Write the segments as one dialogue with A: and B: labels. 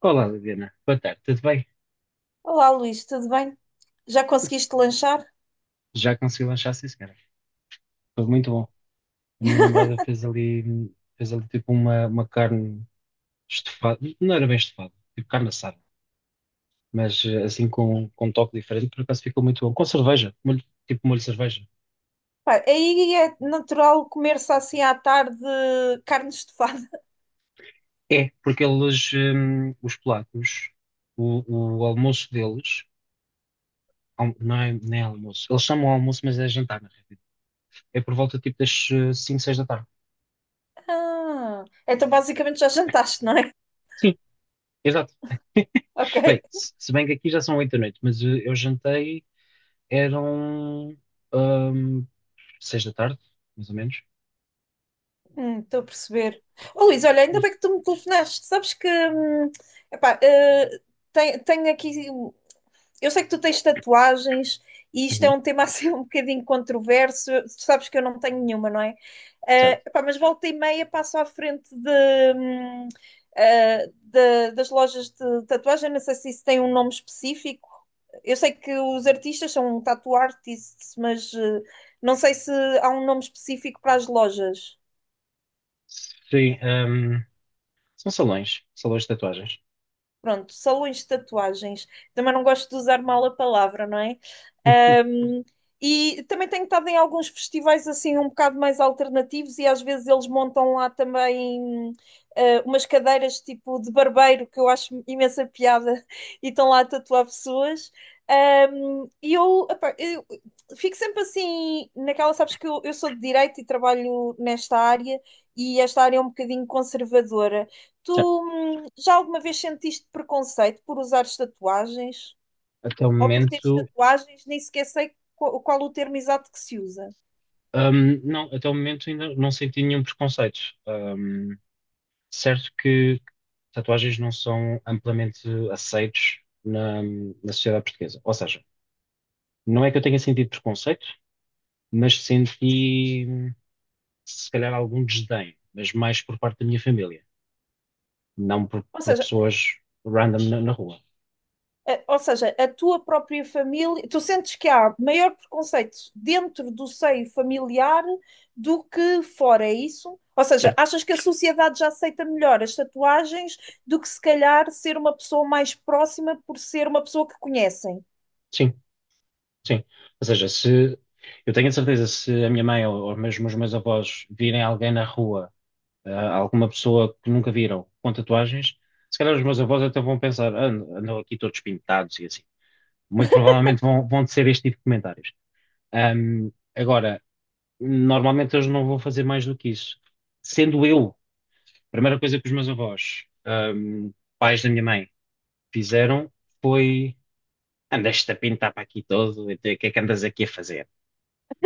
A: Olá, Liliana. Boa tarde, tudo bem?
B: Olá, Luís, tudo bem? Já conseguiste lanchar?
A: Já consegui lanchar, sim, senhora. Foi muito bom. A minha namorada fez ali tipo uma carne estufada. Não era bem estufada, tipo carne assada. Mas assim com um toque diferente, por acaso ficou muito bom. Com cerveja, tipo molho de cerveja.
B: Pá, aí é natural comer-se assim à tarde carne estufada.
A: É, porque eles, os polacos, o almoço deles, não é, nem é almoço. Eles chamam almoço, mas é jantar, na realidade. É por volta tipo das 5, 6 da tarde.
B: Ah, então basicamente já jantaste, não é?
A: Sim, exato.
B: Ok.
A: Bem, se bem que aqui já são oito da noite, mas eu jantei. Eram ahm, seis da tarde, mais ou menos.
B: Estou a perceber. Oh, Luís, olha, ainda
A: Hum.
B: bem que tu me telefonaste. Sabes que, epá, eh, tenho aqui. Eu sei que tu tens tatuagens e isto é
A: Uhum.
B: um tema assim um bocadinho controverso. Tu sabes que eu não tenho nenhuma, não é?
A: Certo.
B: Pá, mas volta e meia passo à frente hum, das lojas de tatuagem. Não sei se isso tem um nome específico. Eu sei que os artistas são um tattoo artists, mas não sei se há um nome específico para as lojas.
A: Sim, são salões de tatuagens.
B: Pronto, salões de tatuagens. Também não gosto de usar mal a palavra, não é? Um, e também tenho estado em alguns festivais assim um bocado mais alternativos e às vezes eles montam lá também umas cadeiras tipo de barbeiro que eu acho imensa piada e estão lá a tatuar pessoas. E eu fico sempre assim naquela. Sabes que eu sou de direito e trabalho nesta área, e esta área é um bocadinho conservadora.
A: Certo.
B: Tu já alguma vez sentiste preconceito por usares tatuagens?
A: Até o
B: Ou por teres
A: momento,
B: tatuagens? Nem sequer sei qual, qual o termo exato que se usa.
A: não. Até o momento ainda não senti nenhum preconceito. Ahm, Certo que tatuagens não são amplamente aceitos na sociedade portuguesa. Ou seja, não é que eu tenha sentido preconceito, mas senti se calhar algum desdém, mas mais por parte da minha família, não por,
B: Ou
A: por
B: seja,
A: pessoas random na rua,
B: ou seja, a tua própria família, tu sentes que há maior preconceito dentro do seio familiar do que fora, é isso? Ou seja,
A: certo?
B: achas que a sociedade já aceita melhor as tatuagens do que se calhar ser uma pessoa mais próxima por ser uma pessoa que conhecem?
A: Sim, sim. Ou seja, se eu tenho a certeza, se a minha mãe ou mesmo os meus avós virem alguém na rua, alguma pessoa que nunca viram com tatuagens, se calhar os meus avós até vão pensar: "Ah, andam aqui todos pintados" e assim. Muito provavelmente vão ser este tipo de comentários. Agora, normalmente eles não vão fazer mais do que isso. Sendo eu, a primeira coisa que os meus avós, pais da minha mãe, fizeram foi: "Andaste a pintar para aqui todo, então, o que é que andas aqui a fazer?"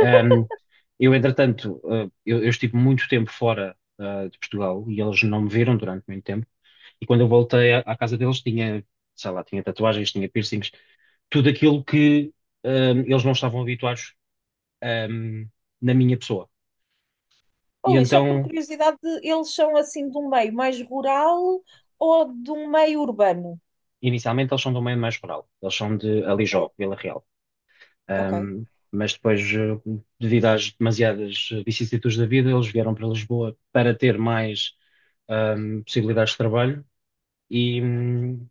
A: Ahm, eu, entretanto, eu estive muito tempo fora, de Portugal, e eles não me viram durante muito tempo. E quando eu voltei à casa deles, tinha, sei lá, tinha tatuagens, tinha piercings, tudo aquilo que, eles não estavam habituados, ahm, na minha pessoa.
B: Oh,
A: E
B: Luís, só por
A: então,
B: curiosidade, eles são assim de um meio mais rural ou de um meio urbano?
A: inicialmente, eles são do meio mais rural, eles são de
B: Ok,
A: Alijó, Vila Real.
B: ok.
A: Ahm, mas depois, devido às demasiadas vicissitudes da vida, eles vieram para Lisboa para ter mais possibilidades de trabalho, e,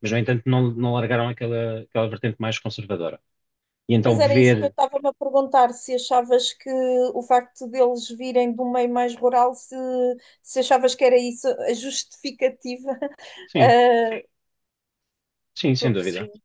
A: mas, no entanto, não largaram aquela vertente mais conservadora. E
B: Pois
A: então
B: era isso que eu
A: ver,
B: estava-me a perguntar, se achavas que o facto deles virem de um meio mais rural, se achavas que era isso a justificativa.
A: sim,
B: Ah,
A: sim,
B: estou
A: sem
B: a
A: dúvida.
B: perceber.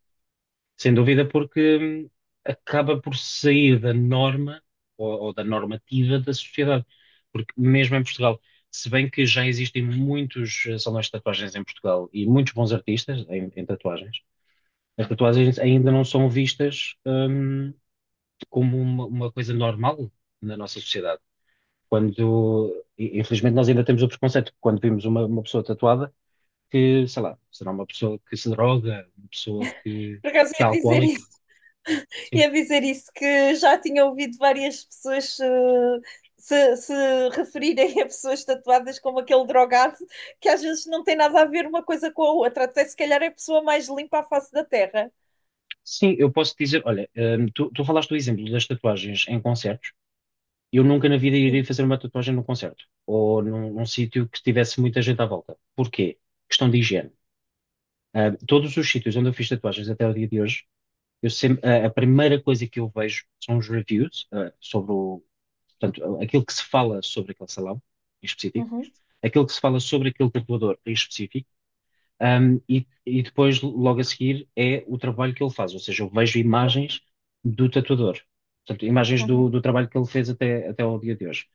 A: Sem dúvida, porque hum, acaba por sair da norma, ou da normativa da sociedade. Porque mesmo em Portugal, se bem que já existem muitos salões de tatuagens em Portugal e muitos bons artistas em tatuagens, as tatuagens ainda não são vistas, como uma coisa normal na nossa sociedade. Quando, infelizmente, nós ainda temos o preconceito que, quando vimos uma pessoa tatuada, que, sei lá, será uma pessoa que se droga, uma pessoa que,
B: Por acaso
A: que é
B: ia dizer
A: alcoólica.
B: e
A: Sim.
B: a dizer isso, que já tinha ouvido várias pessoas se referirem a pessoas tatuadas como aquele drogado, que às vezes não tem nada a ver uma coisa com a outra, até se calhar é a pessoa mais limpa à face da Terra.
A: Sim, eu posso dizer, olha, tu falaste do exemplo das tatuagens em concertos. Eu nunca na vida
B: Sim.
A: iria fazer uma tatuagem num concerto ou num sítio que tivesse muita gente à volta. Porquê? Questão de higiene. Todos os sítios onde eu fiz tatuagens até o dia de hoje. Eu sempre, a primeira coisa que eu vejo são os reviews, portanto, aquilo que se fala sobre aquele salão em específico,
B: Uhum,
A: aquilo que se fala sobre aquele tatuador em específico, e depois, logo a seguir, é o trabalho que ele faz, ou seja, eu vejo imagens do tatuador, portanto, imagens do,
B: uhum,
A: do trabalho que ele fez até ao dia de hoje.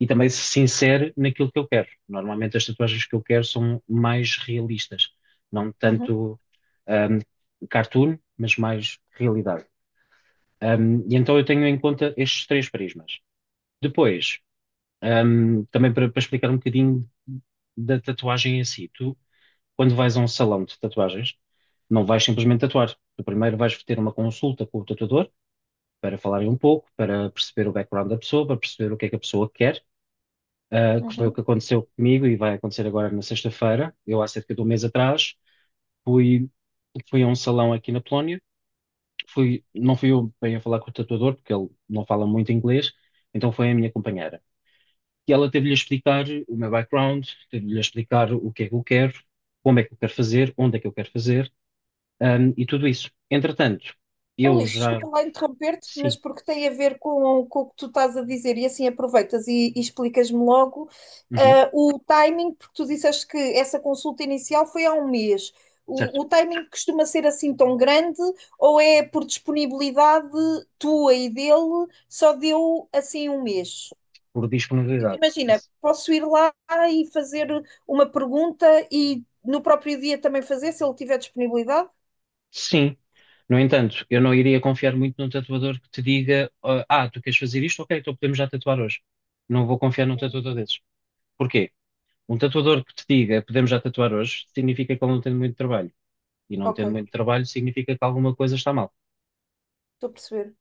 A: E também se insere naquilo que eu quero. Normalmente as tatuagens que eu quero são mais realistas, não
B: uhum,
A: tanto, ahm, cartoon, mas mais realidade. E então eu tenho em conta estes três prismas. Depois, também para explicar um bocadinho da tatuagem em si, tu, quando vais a um salão de tatuagens, não vais simplesmente tatuar. Tu primeiro vais ter uma consulta com o tatuador para falarem um pouco, para perceber o background da pessoa, para perceber o que é que a pessoa quer, que foi o
B: uhum.
A: que aconteceu comigo e vai acontecer agora na sexta-feira. Eu, há cerca de um mês atrás, fui, fui a um salão aqui na Polónia. Não fui eu bem a falar com o tatuador, porque ele não fala muito inglês, então foi a minha companheira. E ela teve-lhe a explicar o meu background, teve-lhe a explicar o que é que eu quero, como é que eu quero fazer, onde é que eu quero fazer, e tudo isso. Entretanto,
B: Oh,
A: eu
B: Luís,
A: já.
B: desculpa lá interromper-te, mas
A: Sim,
B: porque tem a ver com o que tu estás a dizer, e assim aproveitas e explicas-me logo
A: uhum,
B: o timing, porque tu disseste que essa consulta inicial foi há um mês.
A: certo,
B: O timing costuma ser assim tão grande ou é por disponibilidade tua e dele, só deu assim um mês?
A: por
B: Tipo,
A: disponibilidade.
B: imagina, posso ir lá e fazer uma pergunta e no próprio dia também fazer, se ele tiver disponibilidade?
A: Sim. No entanto, eu não iria confiar muito num tatuador que te diga: Tu queres fazer isto? Ok, então podemos já tatuar hoje." Não vou confiar num tatuador desses. Porquê? Um tatuador que te diga podemos já tatuar hoje, significa que ele não tem muito trabalho. E não
B: Ok,
A: tendo muito trabalho, significa que alguma coisa está mal.
B: estou a perceber.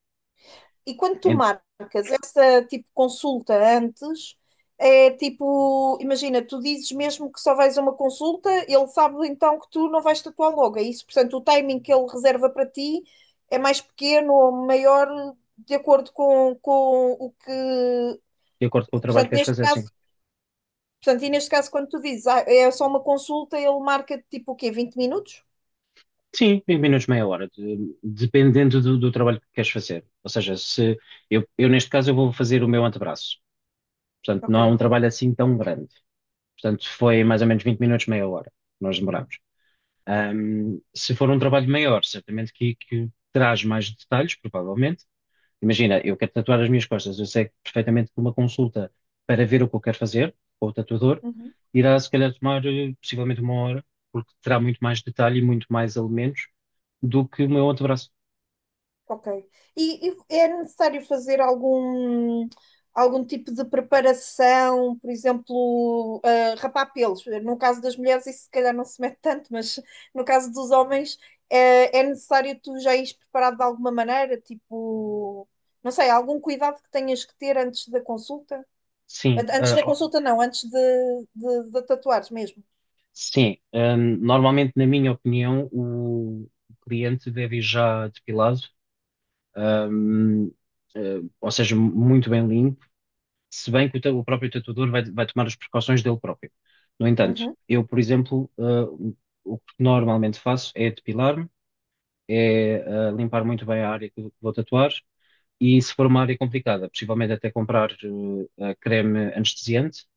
B: E quando tu
A: Em-
B: marcas essa tipo consulta antes, é tipo, imagina, tu dizes mesmo que só vais a uma consulta, ele sabe então que tu não vais tatuar logo, é isso? Portanto, o timing que ele reserva para ti é mais pequeno ou maior de acordo com o que.
A: De acordo com o trabalho que
B: Portanto,
A: queres
B: neste
A: fazer, sim.
B: caso, portanto, e neste caso, quando tu dizes ah, é só uma consulta, ele marca tipo o quê? 20 minutos?
A: Sim, 20 minutos, meia hora, dependendo do trabalho que queres fazer. Ou seja, se eu, eu, neste caso eu vou fazer o meu antebraço. Portanto, não é um
B: Ok.
A: trabalho assim tão grande. Portanto, foi mais ou menos 20 minutos, meia hora, que nós demoramos. Se for um trabalho maior, certamente que traz mais detalhes, provavelmente. Imagina, eu quero tatuar as minhas costas, eu sei perfeitamente que uma consulta para ver o que eu quero fazer, com o tatuador,
B: Uhum.
A: irá se calhar tomar possivelmente 1 hora, porque terá muito mais detalhe e muito mais elementos do que o meu antebraço.
B: Ok. E é necessário fazer algum, algum tipo de preparação, por exemplo, ah, rapar pelos. No caso das mulheres, isso se calhar não se mete tanto, mas no caso dos homens, é necessário tu já ires preparado de alguma maneira, tipo, não sei, algum cuidado que tenhas que ter antes da consulta?
A: Sim,
B: Antes da
A: ó,
B: consulta, não, de tatuares mesmo.
A: sim. Normalmente, na minha opinião, o cliente deve ir já depilado, ahm, ou seja, muito bem limpo, se bem que o próprio tatuador vai tomar as precauções dele próprio. No entanto,
B: Uhum,
A: eu, por exemplo, o que normalmente faço é depilar-me, é limpar muito bem a área que vou tatuar e, se for uma área complicada, possivelmente até comprar creme anestesiante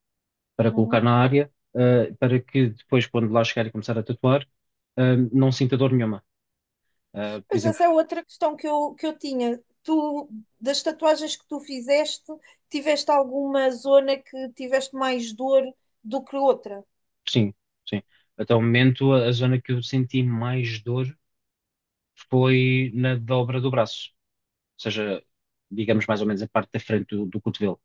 A: para colocar
B: uhum.
A: na área, para que depois, quando lá chegar e começar a tatuar, não sinta dor nenhuma. Por
B: Pois
A: exemplo,
B: essa é outra questão que eu tinha. Tu, das tatuagens que tu fizeste, tiveste alguma zona que tiveste mais dor do que outra?
A: sim, sim. Até o momento, a zona que eu senti mais dor foi na dobra do braço, seja, digamos, mais ou menos a parte da frente do cotovelo.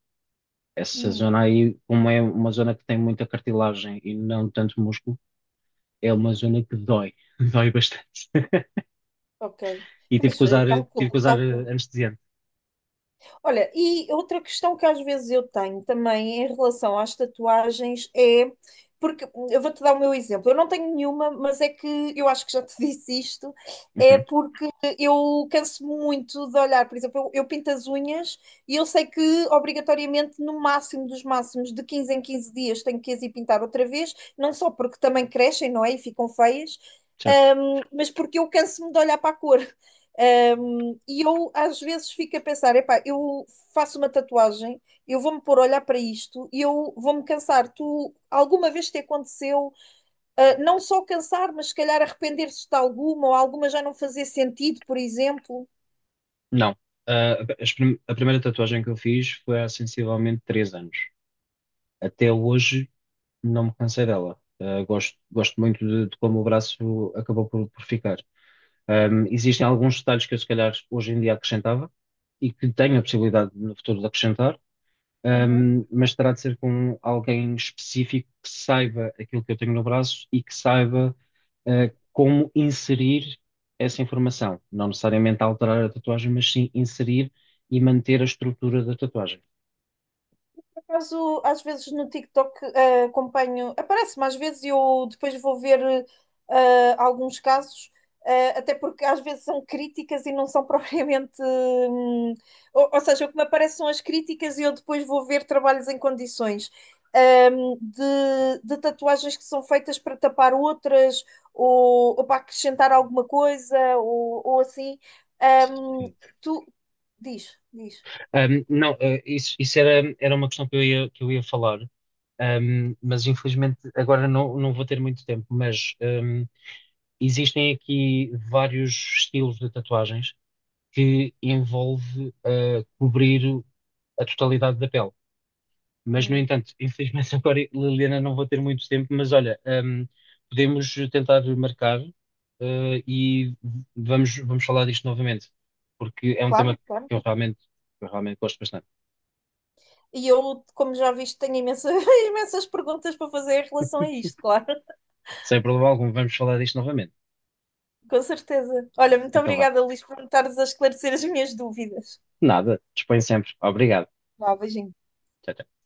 A: Essa
B: Hum,
A: zona aí, como é uma zona que tem muita cartilagem e não tanto músculo, é uma zona que dói, dói bastante.
B: ok.
A: E tive
B: Pois,
A: que
B: eu
A: usar, tive que
B: calculo,
A: usar
B: calculo.
A: anestesiante.
B: Olha, e outra questão que às vezes eu tenho também em relação às tatuagens é, porque eu vou-te dar o meu exemplo, eu não tenho nenhuma, mas é que eu acho que já te disse isto, é
A: Uhum,
B: porque eu canso muito de olhar. Por exemplo, eu pinto as unhas e eu sei que obrigatoriamente no máximo dos máximos de 15 em 15 dias tenho que as ir pintar outra vez, não só porque também crescem, não é? E ficam feias,
A: certo.
B: mas porque eu canso-me de olhar para a cor. E eu às vezes fico a pensar, epá, eu faço uma tatuagem, eu vou-me pôr a olhar para isto e eu vou-me cansar. Tu alguma vez te aconteceu, ah, não só cansar, mas se calhar arrepender-se de alguma ou alguma já não fazer sentido, por exemplo?
A: Não. A primeira tatuagem que eu fiz foi há sensivelmente 3 anos. Até hoje não me cansei dela. Gosto muito de como o braço acabou por ficar. Existem alguns detalhes que eu, se calhar, hoje em dia acrescentava e que tenho a possibilidade no futuro de acrescentar, mas terá de ser com alguém específico que saiba aquilo que eu tenho no braço e que saiba, como inserir essa informação. Não necessariamente alterar a tatuagem, mas sim inserir e manter a estrutura da tatuagem.
B: Por acaso, às vezes no TikTok acompanho, aparece-me às vezes e eu depois vou ver alguns casos, até porque às vezes são críticas e não são propriamente. Ou seja, o que me aparecem são as críticas e eu depois vou ver trabalhos em condições. De tatuagens que são feitas para tapar outras ou para acrescentar alguma coisa ou assim. Hum,
A: Sim.
B: Tu, diz, diz.
A: Não, isso era uma questão que eu ia falar, mas infelizmente agora não vou ter muito tempo, mas, existem aqui vários estilos de tatuagens que envolve cobrir a totalidade da pele. Mas, no
B: Hum.
A: entanto, infelizmente agora, Liliana, não vou ter muito tempo, mas olha, podemos tentar marcar, ah, e vamos falar disto novamente, porque é um
B: Claro,
A: tema
B: claro.
A: eu realmente, que eu realmente gosto bastante.
B: E eu, como já viste, tenho imensas, imensas perguntas para fazer em relação a isto, claro.
A: Sem problema algum, vamos falar disto novamente.
B: Com certeza. Olha, muito
A: Então vá.
B: obrigada, Luís, por me estares a esclarecer as minhas dúvidas.
A: Nada, dispõe sempre. Obrigado.
B: Vá, beijinho.
A: Tchau, tchau.